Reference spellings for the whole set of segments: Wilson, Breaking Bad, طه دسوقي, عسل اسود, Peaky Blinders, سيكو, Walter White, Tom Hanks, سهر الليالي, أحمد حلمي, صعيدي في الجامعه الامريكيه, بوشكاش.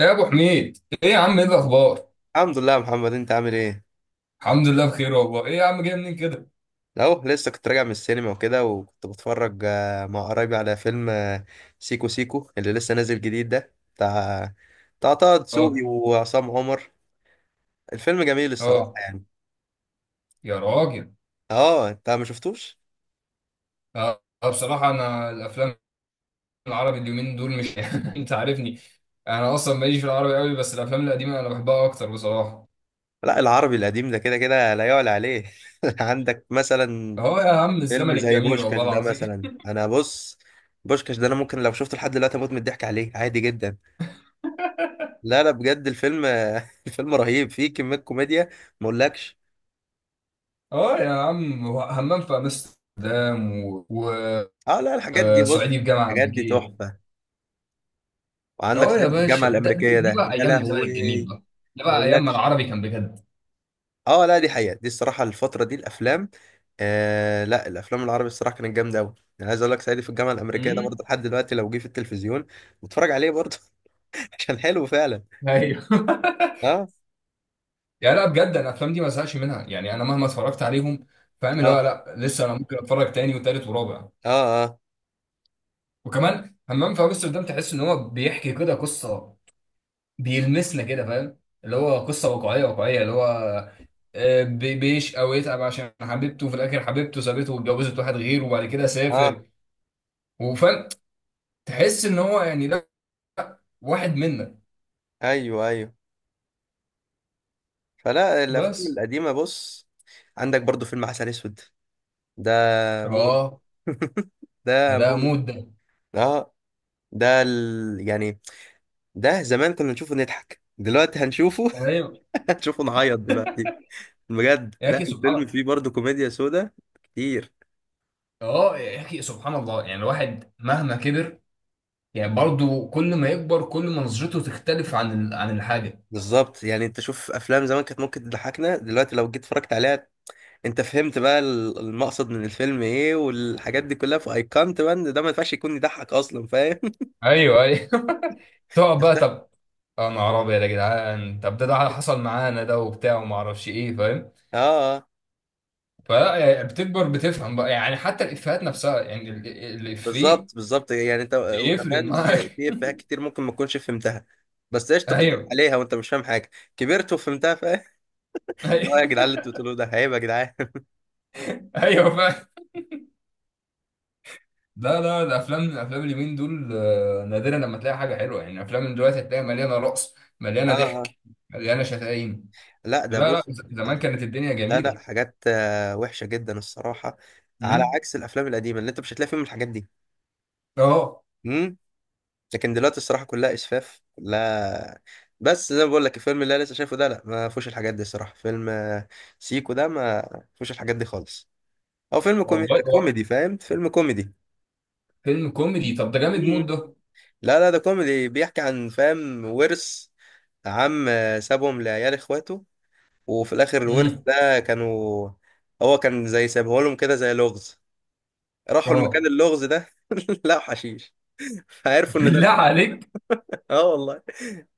ايه يا ابو حميد، ايه يا عم، ايه الاخبار؟ الحمد لله يا محمد، انت عامل ايه؟ الحمد لله بخير والله. ايه يا عم، جاي منين كده؟ اهو لسه كنت راجع من السينما وكده، وكنت بتفرج مع قرايبي على فيلم سيكو سيكو اللي لسه نازل جديد ده، بتاع بتاع طه دسوقي اه. وعصام عمر. الفيلم جميل الصراحة اه يعني. يا راجل. اه انت ما شفتوش؟ بصراحه انا الافلام العربي اليومين دول مش انت عارفني. انا اصلا ماليش في العربي قوي، بس الافلام القديمه انا بحبها اكتر بصراحه. لا العربي القديم ده كده كده لا يعلى عليه. عندك مثلا اه يا عم فيلم الزمن زي الجميل والله بوشكاش ده العظيم. مثلا، انا بص بوشكاش ده انا ممكن لو شفته لحد دلوقتي اموت من الضحك عليه عادي جدا. لا لا بجد الفيلم الفيلم رهيب، فيه كمية كوميديا ما اقولكش. اه يا عم، هو همام في امستردام اه لا الحاجات دي بص، وصعيدي في جامعه الحاجات دي امريكيه. تحفه. وعندك اه يا صعيدي في الجامعه باشا، ده دي الامريكيه دي ده بقى يا ايام الزمن لهوي الجميل بقى، ده ما بقى ايام ما اقولكش. العربي كان بجد. اه لا دي حقيقه، دي الصراحه الفتره دي الافلام، آه لا الافلام العربي الصراحه كانت جامده قوي. انا عايز اقول لك صعيدي في الجامعه الامريكيه ده امم. برضه لحد دلوقتي لو جه في التلفزيون بتفرج عليه برضه. عشان حلو فعلا. ايوه. اه يعني لا بجد، انا الافلام دي ما زهقش منها، يعني انا مهما اتفرجت عليهم، فاهم اللي هو؟ اه لا لسه انا ممكن اتفرج تاني وتالت ورابع. اه اه وكمان همام في امستردام، تحس ان هو بيحكي كده قصه، بيلمسنا كده، فاهم؟ اللي هو قصه واقعيه، واقعيه، اللي هو بيش او يتعب عشان حبيبته، في الاخر حبيبته سابته واتجوزت واحد غيره وبعد كده سافر، اه. وفاهم، تحس ان هو يعني ده واحد منا. ايوه ايوه، فلا الافلام بس. القديمه بص، عندك برضه فيلم عسل اسود ده موت، اه ده ده ده موت. مود ده. اه ده ال... يعني ده زمان كنا نشوفه نضحك، دلوقتي هنشوفه ايوه هنشوفه نعيط دلوقتي. بجد يا لا اخي سبحان الفيلم الله. فيه برضه كوميديا سودا كتير. اه يا اخي سبحان الله، يعني الواحد مهما كبر، يعني برضو كل ما يكبر كل ما نظرته تختلف عن عن الحاجة. بالظبط يعني انت شوف افلام زمان كانت ممكن تضحكنا دلوقتي، لو جيت اتفرجت عليها انت فهمت بقى ال- المقصد من الفيلم ايه، والحاجات دي كلها فايقنت بقى ان ده ما ينفعش يكون يضحك اصلا، فاهم؟ ايوه ايوه. تقعد بقى، طب. يا نهار ابيض يا جدعان، طب ده حصل معانا ده وبتاع وما اعرفش ايه، فاهم؟ اه آه. فلا يعني بتكبر بتفهم بقى، يعني حتى الافيهات نفسها، يعني الافيه بالظبط بالظبط، يعني انت بيفرق زمان في معاك. في افيهات كتير ممكن ما تكونش فهمتها، بس قشطه بتضحك ايوه عليها وانت مش فاهم حاجه، كبرت وفهمتها، فاهم؟ ايوه. لا يا جدعان اللي انتوا بتقولوه ده عيب يا جدعان. ايوه فاهم. لا لا، الافلام الافلام اليومين دول نادرا لما تلاقي حاجه حلوه، يعني الافلام من دلوقتي هتلاقي مليانه رقص، مليانه اه اه. ضحك، مليانه شتايم. لا ده لا لا، بص، زمان كانت الدنيا لا جميله. حاجات وحشة جدا الصراحة، على امم. عكس الافلام القديمة اللي انت مش هتلاقي فيهم الحاجات دي. اه امم. لكن دلوقتي الصراحة كلها اسفاف كلها. بس زي ما بقول لك الفيلم اللي انا لسه شايفه ده لا، ما فيهوش الحاجات دي الصراحة. فيلم سيكو ده ما فيهوش الحاجات دي خالص. او فيلم كومي... والله. هو كوميدي، فاهم؟ فيلم كوميدي. فيلم كوميدي؟ طب ده جامد موت مم. ده. لا لا ده كوميدي بيحكي عن، فاهم، ورث. عم سابهم لعيال اخواته، وفي الاخر الورث امم. ده كانوا، هو كان زي سايبه لهم كده زي لغز. راحوا المكان اه. اللغز ده لقوا حشيش، فعرفوا ان ده بالله الورث. عليك. اه والله.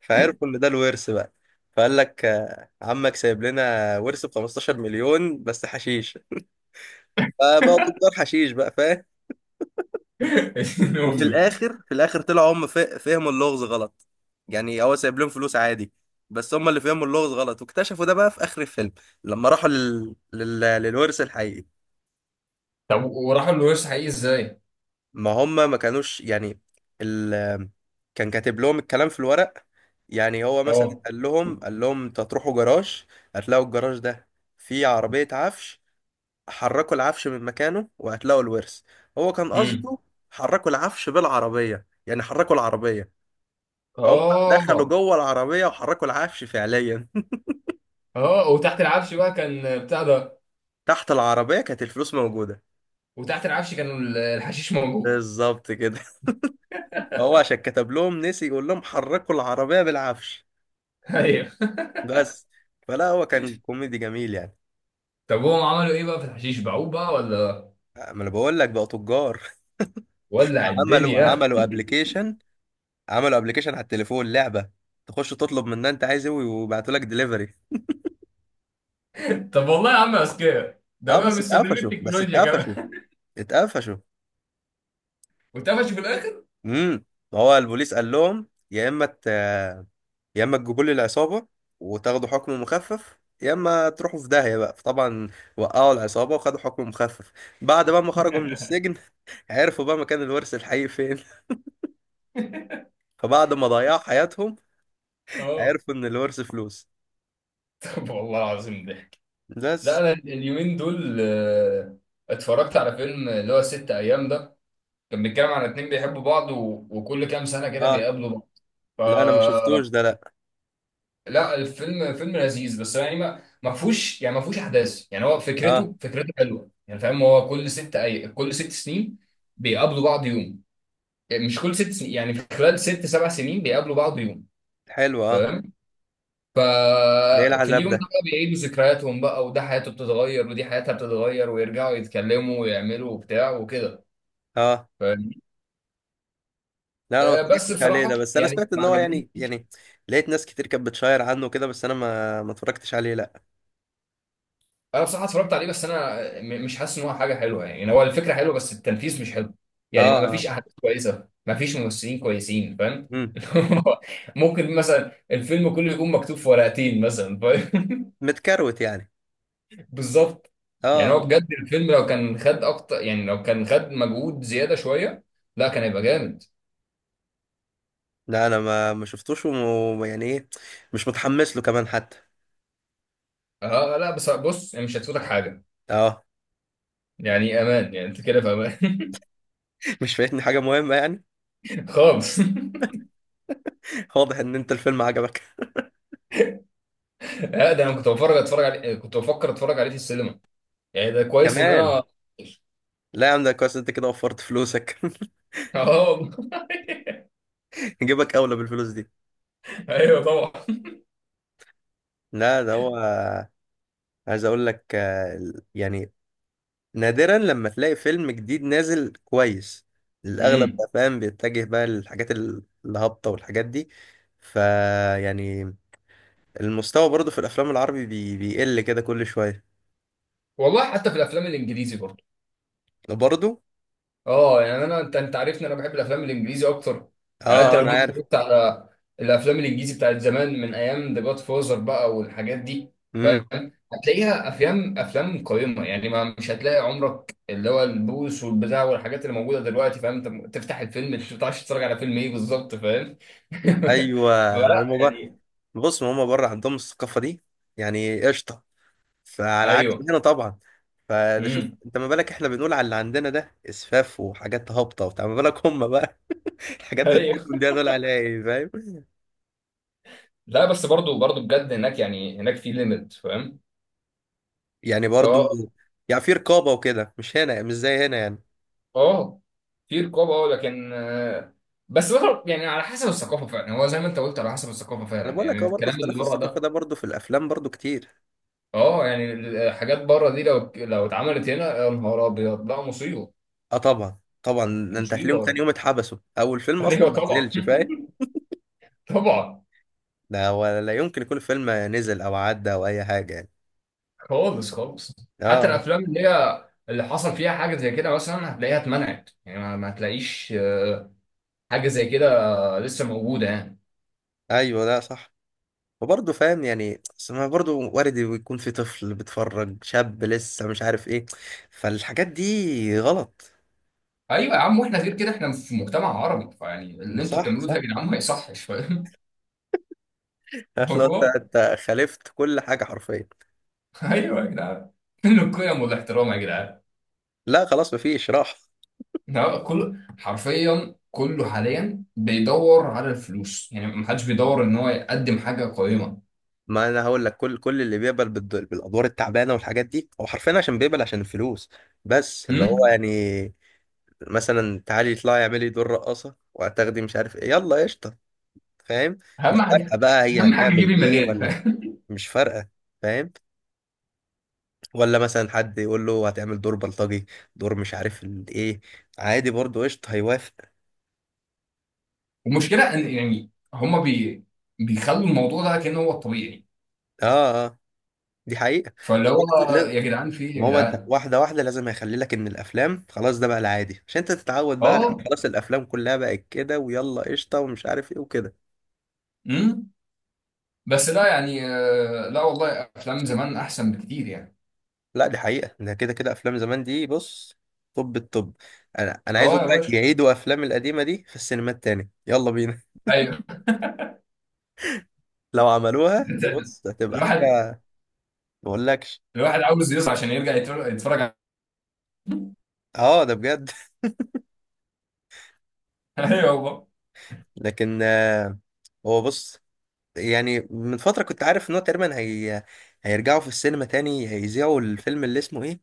فعرفوا ان ده الورث بقى. فقال لك عمك سايب لنا ورث ب 15 مليون بس حشيش، فبقوا تجار حشيش بقى فاهم. ابن وفي امي. الاخر، في الاخر طلعوا هم فهموا اللغز غلط. يعني هو سايب لهم فلوس عادي، بس هم اللي فهموا اللغز غلط، واكتشفوا ده بقى في اخر الفيلم لما راحوا لل... لل... للورث الحقيقي. طب وراحوا الورث حقيقي ازاي؟ ما هم ما كانوش يعني ال... كان كاتب لهم الكلام في الورق. يعني هو مثلا اه. قال لهم انتوا هتروحوا جراج، هتلاقوا الجراج ده فيه عربية عفش، حركوا العفش من مكانه وهتلاقوا الورث. هو كان امم. قصده حركوا العفش بالعربية، يعني حركوا العربية. هم اه. دخلوا جوه العربية وحركوا العفش فعليا. اه وتحت العفش بقى كان بتاع ده. تحت العربية كانت الفلوس موجودة. وتحت العفش كان الحشيش موجود. بالظبط كده. هو عشان كتب لهم نسي يقول لهم حركوا العربية بالعفش، ايوه. بس. فلا هو كان كوميدي جميل يعني. طب هم عملوا ايه بقى في الحشيش، باعوه بقى ولا؟ ما انا بقول لك بقى تجار. ولع عملوا الدنيا. عملوا ابلكيشن، عملوا ابلكيشن على التليفون لعبه، تخش تطلب منها انت عايز ايه ويبعتوا لك دليفري. طب والله يا عم اذكياء، ده اه بقى بس مستخدمين اتقفشوا، بس التكنولوجيا اتقفشوا، كمان. اتقفشوا. واتقفشوا في الاخر. امم. هو البوليس قال لهم يا اما ت...، يا اما تجيبوا لي العصابه وتاخدوا حكم مخفف، يا اما تروحوا في داهيه بقى. فطبعا وقعوا العصابه وخدوا حكم مخفف. بعد بقى ما خرجوا من السجن عرفوا بقى مكان الورث الحقيقي فين. فبعد ما ضيعوا حياتهم اه. عرفوا ان الورث فلوس، طب والله العظيم ضحك. لا بس. انا اليومين دول اتفرجت على فيلم اللي هو ست ايام ده، كان بيتكلم عن اتنين بيحبوا بعض و... وكل كام سنه كده اه بيقابلوا بعض. ف لا انا ما شفتوش ده لا. لا، الفيلم فيلم لذيذ بس يعني ما فيهوش، يعني ما فيهوش احداث. يعني هو اه فكرته، فكرته حلوه يعني، فاهم؟ هو كل ست اي كل ست سنين بيقابلوا بعض يوم. يعني مش كل ست سنين، يعني في خلال ست سبع سنين بيقابلوا بعض يوم، حلو اه. فاهم؟ ده ايه ففي العذاب اليوم ده ده. بقى بيعيدوا ذكرياتهم بقى، وده حياته بتتغير ودي حياتها بتتغير، ويرجعوا يتكلموا ويعملوا وبتاع وكده. اه فاهمني؟ لا انا ما بس اتفرجتش عليه بصراحة ده، بس انا يعني سمعت ما ان هو عجبنيش. يعني يعني، لقيت ناس كتير كانت بتشاير عنه كده، بس انا ما ما اتفرجتش عليه لا. انا بصراحة اتفرجت عليه بس انا مش حاسس ان هو حاجة حلوة، يعني يعني هو الفكرة حلوة بس التنفيذ مش حلو. اه يعني ما فيش اه. احداث كويسة، ما فيش ممثلين كويسين، فاهم؟ امم. ممكن مثلا الفيلم كله يكون مكتوب في ورقتين مثلا، فاهم؟ متكروت يعني. بالظبط. اه يعني هو اه آه. بجد الفيلم لو كان خد اكتر، يعني لو كان خد مجهود زياده شويه لا كان هيبقى جامد. لا انا ما ما شفتوش، وم... يعني ايه، مش متحمس له كمان حتى. اه لا بس بص، يعني مش هتفوتك حاجه. اه. يعني امان، يعني انت كده في امان. مش فايتني حاجه مهمه يعني. خالص. واضح ان انت الفيلم عجبك لا ده انا كنت بفرج اتفرج عليه، كنت بفكر اتفرج عليه في السينما، يعني ده كويس ان كمان. انا. لا يا عم ده كويس انت كده وفرت فلوسك. اه والله. جيبك اولى بالفلوس دي. ايوه طبعا. لا ده هو، عايز اقول لك ال- يعني، نادرا لما تلاقي فيلم جديد نازل كويس. الاغلب امم. بقى فاهم بيتجه بقى للحاجات ال- الهابطه والحاجات دي. فيعني المستوى برضو في الافلام العربي بي... بيقل كده كل شويه. والله حتى في الافلام الانجليزي برضه. برضو. اه يعني انا انت عارفني، انا بحب الافلام الانجليزي اكتر. اه يعني انت لو انا جيت عارف. اتفرجت على الافلام الانجليزي بتاعت زمان من ايام ذا جاد فوزر بقى والحاجات دي، امم. فاهم؟ هتلاقيها افلام، افلام قيمه يعني، ما مش هتلاقي عمرك اللي هو البوس والبتاع والحاجات اللي موجوده دلوقتي، فاهم؟ انت تفتح الفيلم مش بتعرفش تتفرج على فيلم ايه بالظبط، فاهم؟ ايوه فلا هما بقى، يعني. بص هما بره عندهم الثقافه دي، يعني قشطه، فعلى عكس ايوه. هنا طبعا. فده شوف امم. انت ما بالك، احنا بنقول على اللي عندنا ده اسفاف وحاجات هابطه وبتاع، ما بالك هم بقى الحاجات ايوه. بتاعتهم دي هدول عليها ايه، فاهم؟ لا بس برضو بجد هناك يعني، هناك في ليميت، فاهم؟ يعني برضو. اه. يعني في رقابة وكده، مش هنا، مش زي هنا يعني. اه في رقابه، اه لكن بس برضه يعني على حسب الثقافه فعلا، يعني هو زي ما انت قلت على حسب الثقافه انا فعلا بقول يعني، لك هو برضو الكلام اللي اختلاف بره الثقافة ده ده برضو في الافلام برضو كتير. اه. يعني الحاجات بره دي لو اتعملت هنا يا نهار ابيض، لا مصيبه، اه طبعا طبعا، ده انت هتلاقيهم تاني مصيبه. يوم اتحبسوا او الفيلم اصلا ايوه ما طبعا. نزلش فاهم. طبعا. ده ولا لا يمكن يكون الفيلم نزل او عدى او اي حاجة يعني. خالص خالص. حتى اه الافلام اللي هي اللي حصل فيها حاجه زي كده مثلا هتلاقيها اتمنعت، يعني ما هتلاقيش حاجه زي كده لسه موجوده يعني. ايوه ده صح. وبرضه فاهم يعني أصل ما برضه وارد يكون في طفل بيتفرج، شاب لسه مش عارف ايه، فالحاجات دي غلط. ايوه يا عم، واحنا غير كده، احنا في مجتمع عربي، فيعني اللي انتوا صح بتعملوه ده يا صح. جدعان ما يصحش، فاهم لو انت الموضوع؟ انت خالفت كل حاجه حرفيا. ايوه يا جدعان، فين القيم والاحترام يا جدعان؟ لا خلاص مفيش راح. لا، كل حرفيا كله حاليا بيدور على الفلوس، يعني ما حدش بيدور ان هو يقدم حاجه قيمه. ما انا هقول لك، كل اللي بيقبل بالد- بالادوار التعبانه والحاجات دي هو حرفيا عشان بيقبل عشان الفلوس. بس اللي هو أمم؟ يعني، مثلا تعالي اطلعي اعملي دور رقاصه وهتاخدي مش عارف ايه يلا قشطه، فاهم؟ اهم مش فارقه حاجه. بقى هي اهم حاجه يجيب هتعمل ايه المليان. ولا. فاهم؟ مش فارقه فاهم. ولا مثلا حد يقول له هتعمل دور بلطجي، دور مش عارف ال- ايه، عادي برضه قشطه هيوافق. المشكله ان يعني هما بيخلوا الموضوع ده كأنه هو الطبيعي. اه اه، دي حقيقه. فاللي هو يا جدعان في إيه يا ما هو انت جدعان؟ واحده واحده لازم هيخلي لك ان الافلام خلاص ده بقى العادي عشان انت تتعود بقى، لان اه. خلاص الافلام كلها بقت كده ويلا قشطه ومش عارف ايه وكده. امم. بس لا يعني لا والله افلام زمان احسن بكتير يعني. لا دي حقيقه، ده كده كده افلام زمان دي بص. طب الطب، انا عايز اه اقول يا لك باشا. يعيدوا افلام القديمه دي في السينمات تاني، يلا بينا. ايوه. لو عملوها دي بص هتبقى الواحد، حاجه ما اقولكش. الواحد عاوز يصحى عشان يرجع يتفرج، يتفرج على. اه ده بجد. ايوه والله. لكن هو بص، يعني من فتره كنت عارف ان هو تقريبا هي هيرجعوا في السينما تاني هيذيعوا الفيلم اللي اسمه ايه،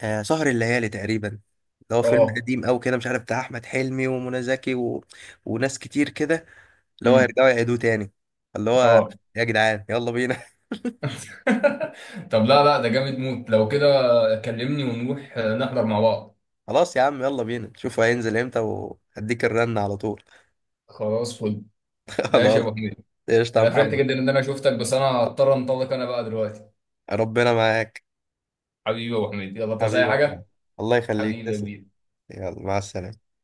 آه سهر الليالي تقريبا، اللي هو فيلم اه. قديم أوي كده، مش عارف بتاع أحمد حلمي ومنى زكي و... وناس كتير كده، اللي هو امم. يرجعوا يعيدوه تاني. اللي هو اه. يا جدعان يلا بينا. طب لا لا، ده جامد موت لو كده، كلمني ونروح نحضر مع بعض. خلاص يا عم يلا بينا، شوفوا هينزل امتى وهديك الرن على طول. خلاص فل. ماشي يا خلاص. ابو حميد. قشطة يا انا فرحت محمد. جدا ان انا شفتك، بس انا هضطر انطلق انا بقى دلوقتي. ربنا معاك. حبيبي يا ابو حميد، يلا انت زي حبيبي يا محمد. حاجه. الله يخليك، حبيبي يا تسلم. كبير. يلا مع السلامة.